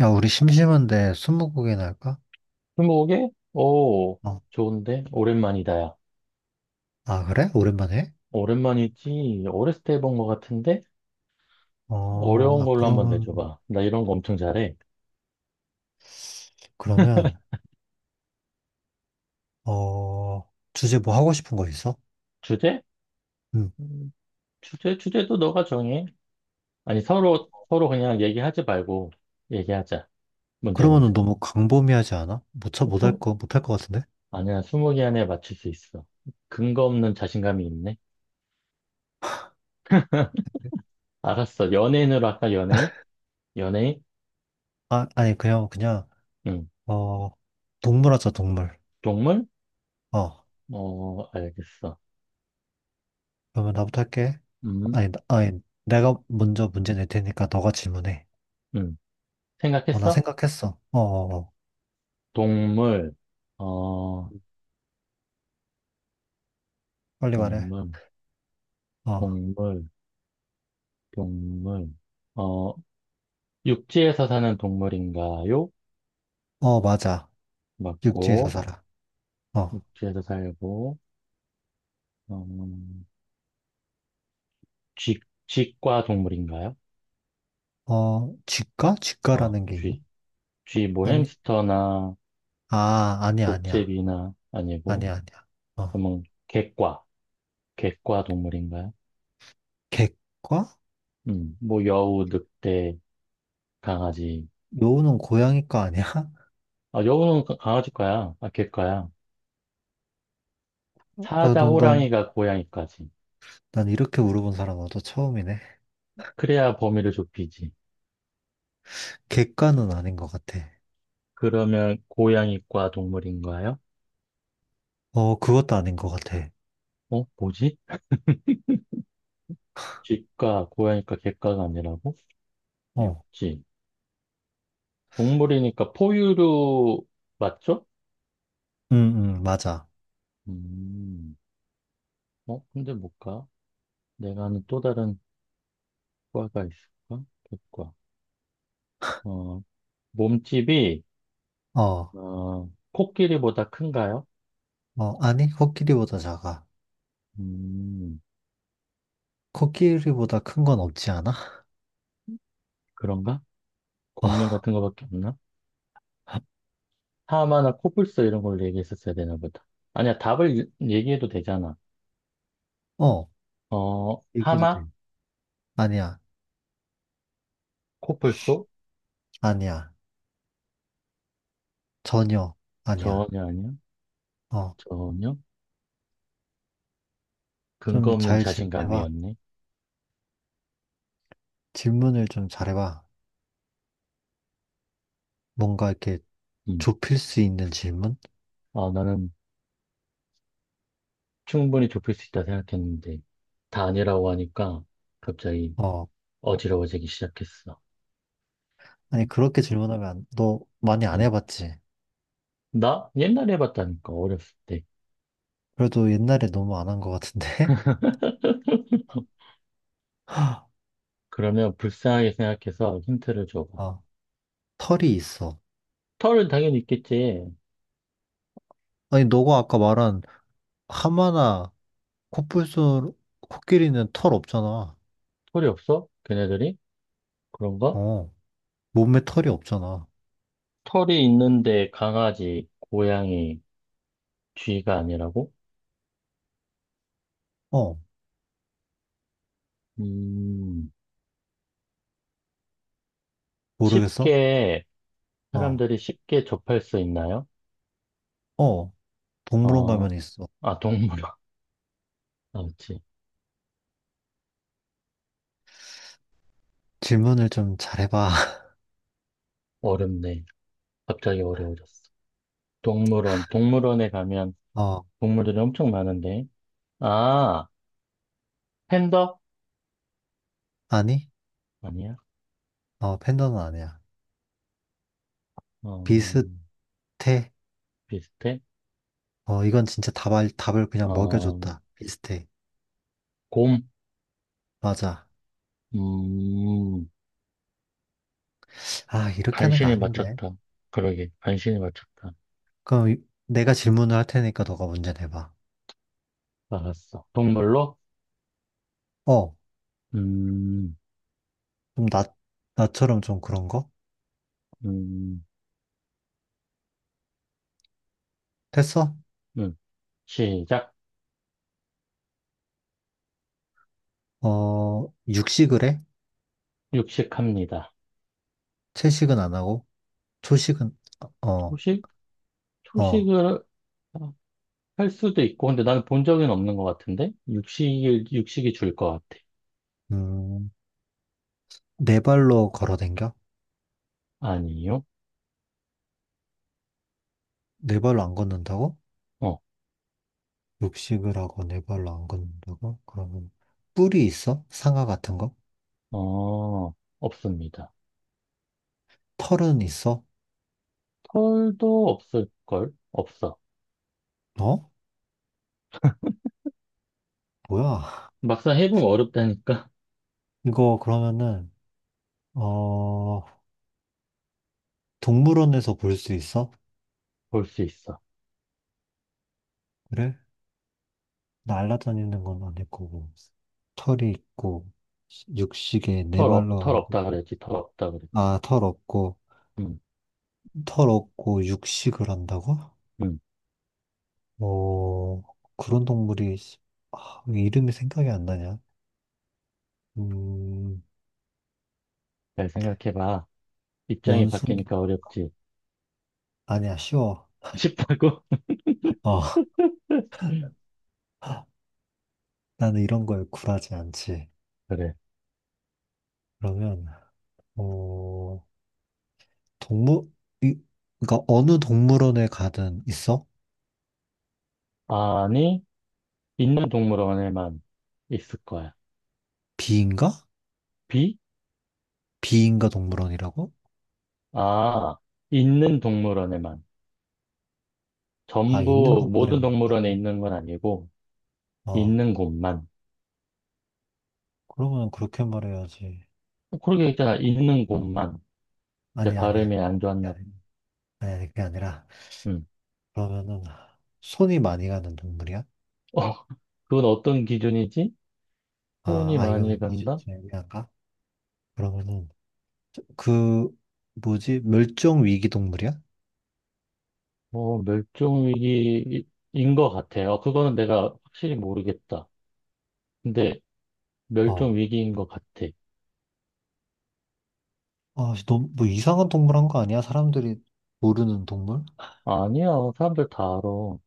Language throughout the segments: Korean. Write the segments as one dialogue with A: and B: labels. A: 야, 우리 심심한데 스무고개나 할까?
B: 스무고개? 오,
A: 어.
B: 좋은데? 오랜만이다, 야.
A: 아, 그래? 오랜만에?
B: 오랜만이지. 어렸을 때 해본 것 같은데?
A: 어,
B: 어려운
A: 아,
B: 걸로 한번
A: 그러면,
B: 내줘봐. 나 이런 거 엄청 잘해.
A: 그러면, 어, 주제 뭐 하고 싶은 거 있어?
B: 주제?
A: 응.
B: 음, 주제, 주제도 너가 정해. 아니, 서로, 서로 그냥 얘기하지 말고 얘기하자. 문제
A: 그러면은
B: 내자.
A: 너무 광범위하지 않아? 못, 쳐, 못할
B: 스-
A: 거, 못할 것 같은데?
B: 아니야, 스무 개 안에 맞출 수 있어. 근거 없는 자신감이 있네. 알았어. 연예인으로 할까, 연예인? 연예인?
A: 아, 아니, 그냥,
B: 응.
A: 어, 동물 하자, 동물.
B: 동물?
A: 어,
B: 어, 알겠어.
A: 그러면 나부터 할게.
B: 음,
A: 아니, 나- 아니, 내가 먼저 문제 낼 테니까 너가 질문해.
B: 음.
A: 어, 나
B: 생각했어?
A: 생각했어. 어, 어, 어.
B: 동물, 어,
A: 빨리 말해.
B: 동물,
A: 어,
B: 동물, 동물, 어, 육지에서 사는 동물인가요?
A: 어, 맞아. 육지에서
B: 맞고,
A: 살아. 어.
B: 육지에서 살고, 음, 쥐, 쥐과 동물인가요?
A: 어, 직가?
B: 어,
A: 직가라는 게 있나?
B: 쥐. 쥐, 뭐
A: 아니,
B: 햄스터나
A: 아, 아니야, 아니야.
B: 족제비나 아니고,
A: 아니야, 아니야. 어,
B: 그러면 개과, 개과 동물인가요?
A: 객과?
B: 뭐 여우, 늑대, 강아지.
A: 요는 고양이과 아니야?
B: 아, 여우는 강아지과야. 아, 개과야.
A: 난,
B: 사자,
A: 난, 난,
B: 호랑이가 고양이까지.
A: 난 이렇게 물어본 사람 나도 처음이네.
B: 그래야 범위를 좁히지.
A: 객과는 아닌 것 같아.
B: 그러면 고양이과 동물인가요?
A: 어, 그것도 아닌 것 같아.
B: 어, 뭐지? 쥐과, 고양이과, 개과가 아니라고?
A: 어,
B: 육지. 동물이니까 포유류 맞죠?
A: 응, 응, 맞아.
B: 음, 어, 근데 뭘까? 내가 아는 또 다른 과가 있을까? 개과. 어, 몸집이,
A: 어,
B: 어, 코끼리보다 큰가요?
A: 어, 아니, 코끼리보다 작아.
B: 음,
A: 코끼리보다 큰 건 없지 않아?
B: 그런가? 공룡 같은 거밖에 없나? 하마나 코뿔소 이런 걸로 얘기했었어야 되나 보다. 아니야, 답을 얘기해도 되잖아.
A: 어, 어,
B: 어,
A: 얘기해도
B: 하마?
A: 돼. 아니야,
B: 코뿔소?
A: 아니야. 전혀, 아니야.
B: 전혀 아니야.
A: 어,
B: 전혀.
A: 좀
B: 근거 없는
A: 잘 질문해봐.
B: 자신감이었네.
A: 질문을 좀 잘해봐. 뭔가 이렇게
B: 음.
A: 좁힐 수 있는 질문?
B: 아, 나는 충분히 좁힐 수 있다 생각했는데, 다 아니라고 하니까 갑자기
A: 어,
B: 어지러워지기 시작했어.
A: 아니,
B: 음.
A: 그렇게 질문하면 안- 너 많이 안
B: 음.
A: 해봤지?
B: 나 옛날에 해봤다니까, 어렸을 때.
A: 그래도 옛날에 너무 안 한 것 같은데?
B: 그러면 불쌍하게 생각해서 힌트를 줘봐.
A: 어, 털이 있어.
B: 털은 당연히 있겠지.
A: 아니, 너가 아까 말한 하마나 코뿔소, 코끼리는 털 없잖아.
B: 털이 없어? 걔네들이? 그런가?
A: 어, 몸에 털이 없잖아.
B: 털이 있는데 강아지, 고양이, 쥐가 아니라고?
A: 어,
B: 음,
A: 모르겠어?
B: 쉽게
A: 어,
B: 사람들이 쉽게 접할 수 있나요?
A: 어, 동물원
B: 어,
A: 가면 있어.
B: 아, 동물원. 아, 그치.
A: 질문을 좀 잘해봐.
B: 어렵네. 갑자기 어려워졌어. 동물원. 동물원에 가면
A: 어,
B: 동물들이 엄청 많은데. 아, 팬더?
A: 아니?
B: 아니야.
A: 어, 팬더는 아니야.
B: 어,
A: 비슷해.
B: 비슷해.
A: 어, 이건 진짜 답을, 답을 그냥
B: 어,
A: 먹여줬다. 비슷해.
B: 곰.
A: 맞아.
B: 음,
A: 아, 이렇게 하는 거
B: 간신히
A: 아닌데.
B: 맞췄다. 그러게, 간신히 맞췄다.
A: 내가 질문을 할 테니까 너가 문제 내봐.
B: 알았어. 동물로?
A: 어,
B: 음,
A: 좀 나, 나처럼 좀 그런 거?
B: 음,
A: 됐어?
B: 음. 시작.
A: 어, 육식을 해?
B: 육식합니다.
A: 채식은 안 하고? 초식은, 어,
B: 초식?
A: 어,
B: 초식을, 아, 할 수도 있고, 근데 나는 본 적은 없는 것 같은데? 육식이 줄 것 같아.
A: 음, 네 발로 걸어 댕겨?
B: 아니요?
A: 네 발로 안 걷는다고?
B: 어,
A: 육식을 하고 네 발로 안 걷는다고? 그러면 뿔이 있어? 상아 같은 거?
B: 어, 없습니다.
A: 털은 있어?
B: 털도 없을걸? 없어.
A: 어? 뭐야?
B: 막상 해보면 어렵다니까?
A: 이거 그러면은 어, 동물원에서 볼 수 있어?
B: 볼 수 있어.
A: 그래? 날아다니는 건 아닐 거고, 털이 있고, 육식에 네 발로
B: 털
A: 한
B: 없다
A: 건,
B: 그랬지, 털 없다 그랬지.
A: 아, 털 없고,
B: 음,
A: 털 없고 육식을 한다고?
B: 음,
A: 어, 그런 동물이, 아, 왜 이름이 생각이 안 나냐? 음,
B: 잘 생각해봐. 입장이
A: 원숭이,
B: 바뀌니까 어렵지.
A: 아니야, 쉬워.
B: 싶다고?
A: 어, 나는 이런 거에 굴하지 않지.
B: 그래.
A: 그러면, 어, 동물, 이, 그러니까 어느 동물원에 가든 있어?
B: 아니, 있는 동물원에만 있을 거야.
A: 비인가?
B: 비?
A: 비인가 동물원이라고?
B: 아, 있는 동물원에만.
A: 아, 있는
B: 전부
A: 동물에 이
B: 모든
A: 라다
B: 동물원에
A: 고
B: 있는 건 아니고
A: 어,
B: 있는 곳만.
A: 그러면 그렇게 말해야지.
B: 어, 그러게 있잖아. 있는 곳만. 이제
A: 아니, 아니. 아니,
B: 발음이 안 좋았나 봐.
A: 아니, 그게 아니라,
B: 음.
A: 그러면은, 손이 많이 가는 동물이야?
B: 어, 그건 어떤 기준이지? 손이
A: 아, 아, 이거
B: 많이
A: 기준
B: 간다?
A: 좀 애매한가? 그러면은, 저- 그, 뭐지? 멸종 위기 동물이야?
B: 어, 멸종위기인 것 같아. 요 그거는 내가 확실히 모르겠다. 근데
A: 어.
B: 멸종위기인 것 같아.
A: 아, 너무, 뭐 이상한 동물 한 거 아니야? 사람들이 모르는 동물?
B: 아니야. 사람들 다 알아.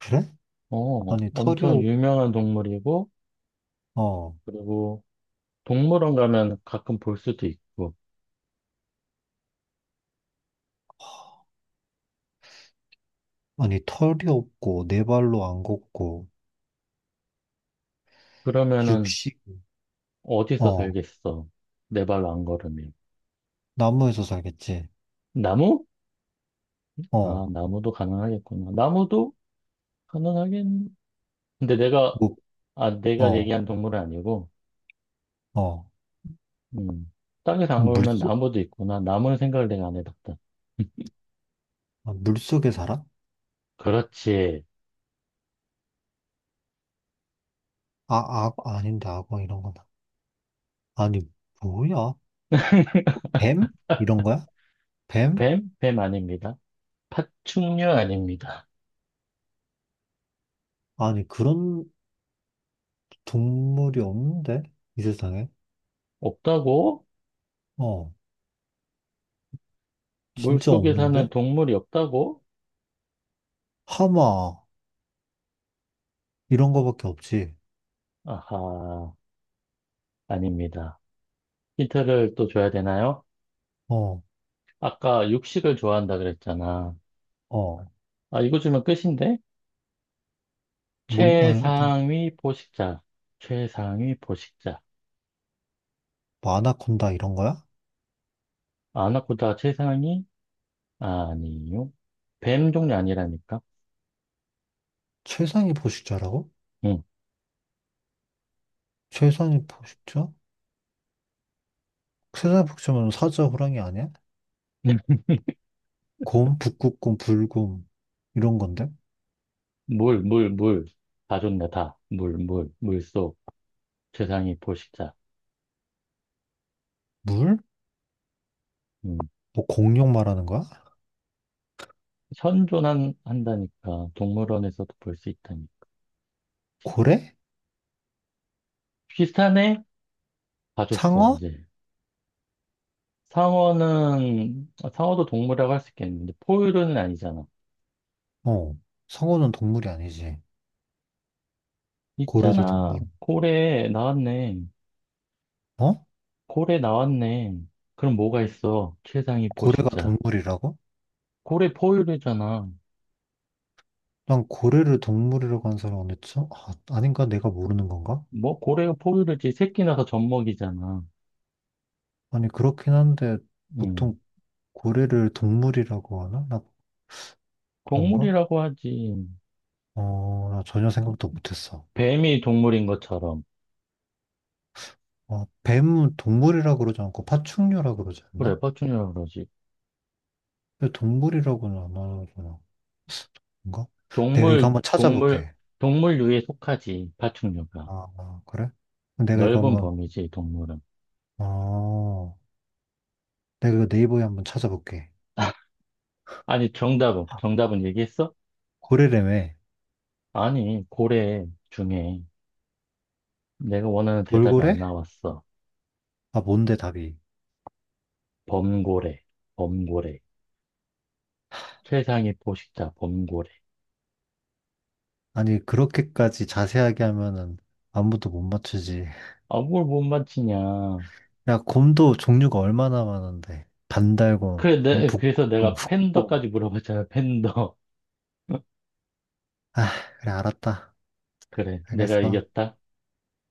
A: 그래?
B: 어,
A: 아니, 털이
B: 엄청
A: 없,
B: 유명한 동물이고,
A: 어.
B: 그리고 동물원 가면 가끔 볼 수도 있고.
A: 아니, 털이 없고, 네 발로 안 걷고,
B: 그러면은
A: 육식,
B: 어디서
A: 어.
B: 살겠어? 내 발로 안 걸으면.
A: 나무에서 살겠지.
B: 나무?
A: 어,
B: 아, 나무도 가능하겠구나. 나무도 가능하긴. 근데 내가,
A: 뭐,
B: 아, 내가
A: 어,
B: 얘기한 동물은 아니고,
A: 어.
B: 음, 땅에서 안
A: 그럼
B: 걸으면
A: 물속,
B: 나무도 있구나. 나무는 생각을 내가 안 해봤다.
A: 아, 물속에 살아?
B: 그렇지.
A: 아, 아, 아닌데, 악어 이런 거 아니, 뭐야? 뱀? 이런 거야? 뱀?
B: 뱀? 뱀 아닙니다. 파충류 아닙니다.
A: 아니, 그런 동물이 없는데? 이 세상에?
B: 없다고?
A: 어, 진짜
B: 물속에 사는
A: 없는데?
B: 동물이 없다고?
A: 하마, 이런 거밖에 없지.
B: 아하, 아닙니다. 힌트를 또 줘야 되나요?
A: 어,
B: 아까 육식을 좋아한다 그랬잖아.
A: 어.
B: 아, 이거 주면 끝인데?
A: 뭔, 아니, 그
B: 최상위 포식자. 최상위 포식자.
A: 아나콘다 이런 거야?
B: 아나코다 최상위? 아니요. 뱀 종류 아니라니까?
A: 최상위 포식자라고?
B: 응.
A: 최상위 포식자? 최상위 포식자면 사자, 호랑이 아니야? 곰, 북극곰, 불곰 이런 건데?
B: 물. 다 좋네, 다. 물속. 최상위 포식자.
A: 물?
B: 음.
A: 뭐 공룡 말하는 거야?
B: 한다니까. 동물원에서도 볼 수 있다니.
A: 고래?
B: 비슷하네? 다 줬어,
A: 상어?
B: 이제. 아, 상어도 동물이라고 할 수 있겠는데, 포유류는 아니잖아.
A: 어, 상어는 동물이 아니지. 고래도
B: 있잖아.
A: 동물.
B: 고래, 나왔네.
A: 어?
B: 고래 나왔네. 그럼 뭐가 있어? 최상위
A: 고래가
B: 포식자.
A: 동물이라고?
B: 고래 포유류잖아.
A: 난 고래를 동물이라고 한 사람 어딨죠? 아, 아닌가? 내가 모르는 건가?
B: 뭐 고래가 포유류지 새끼 나서 젖먹이잖아.
A: 아니, 그렇긴 한데
B: 응.
A: 보통 고래를 동물이라고 하나? 나 그런가?
B: 동물이라고 하지.
A: 어, 나 전혀 생각도 못했어.
B: 뱀이 동물인 것처럼.
A: 어, 뱀은 동물이라고 그러지 않고 파충류라고 그러지
B: 그래,
A: 않나?
B: 파충류라고 그러지.
A: 왜 동물이라고는 안 하잖아. 뭔가? 내가 이거
B: 동물,
A: 한번
B: 동물,
A: 찾아볼게.
B: 동물류에 속하지, 파충류가.
A: 아, 아, 그래? 그럼 내가 이거
B: 넓은
A: 한번,
B: 범위지, 동물은.
A: 어, 내가 이거 네이버에 한번 찾아볼게.
B: 정답은 얘기했어?
A: 고래래며.
B: 아니, 고래 중에 내가 원하는 대답이
A: 돌고래?
B: 안 나왔어.
A: 아, 뭔데 답이?
B: 범고래, 범고래. 세상의 포식자 범고래.
A: 아니, 그렇게까지 자세하게 하면은 아무도 못 맞추지.
B: 아, 뭘 못 맞히냐.
A: 야, 곰도 종류가 얼마나 많은데. 반달곰,
B: 그래서
A: 북곰,
B: 내가
A: 흑곰.
B: 팬더까지 물어봤잖아, 팬더.
A: 아, 그래, 알았다.
B: 그래, 내가
A: 알겠어.
B: 이겼다.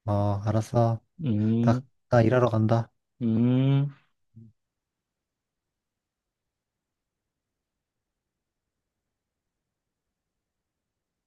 A: 어, 알았어.
B: 음,
A: 나, 나 일하러 간다.
B: 음.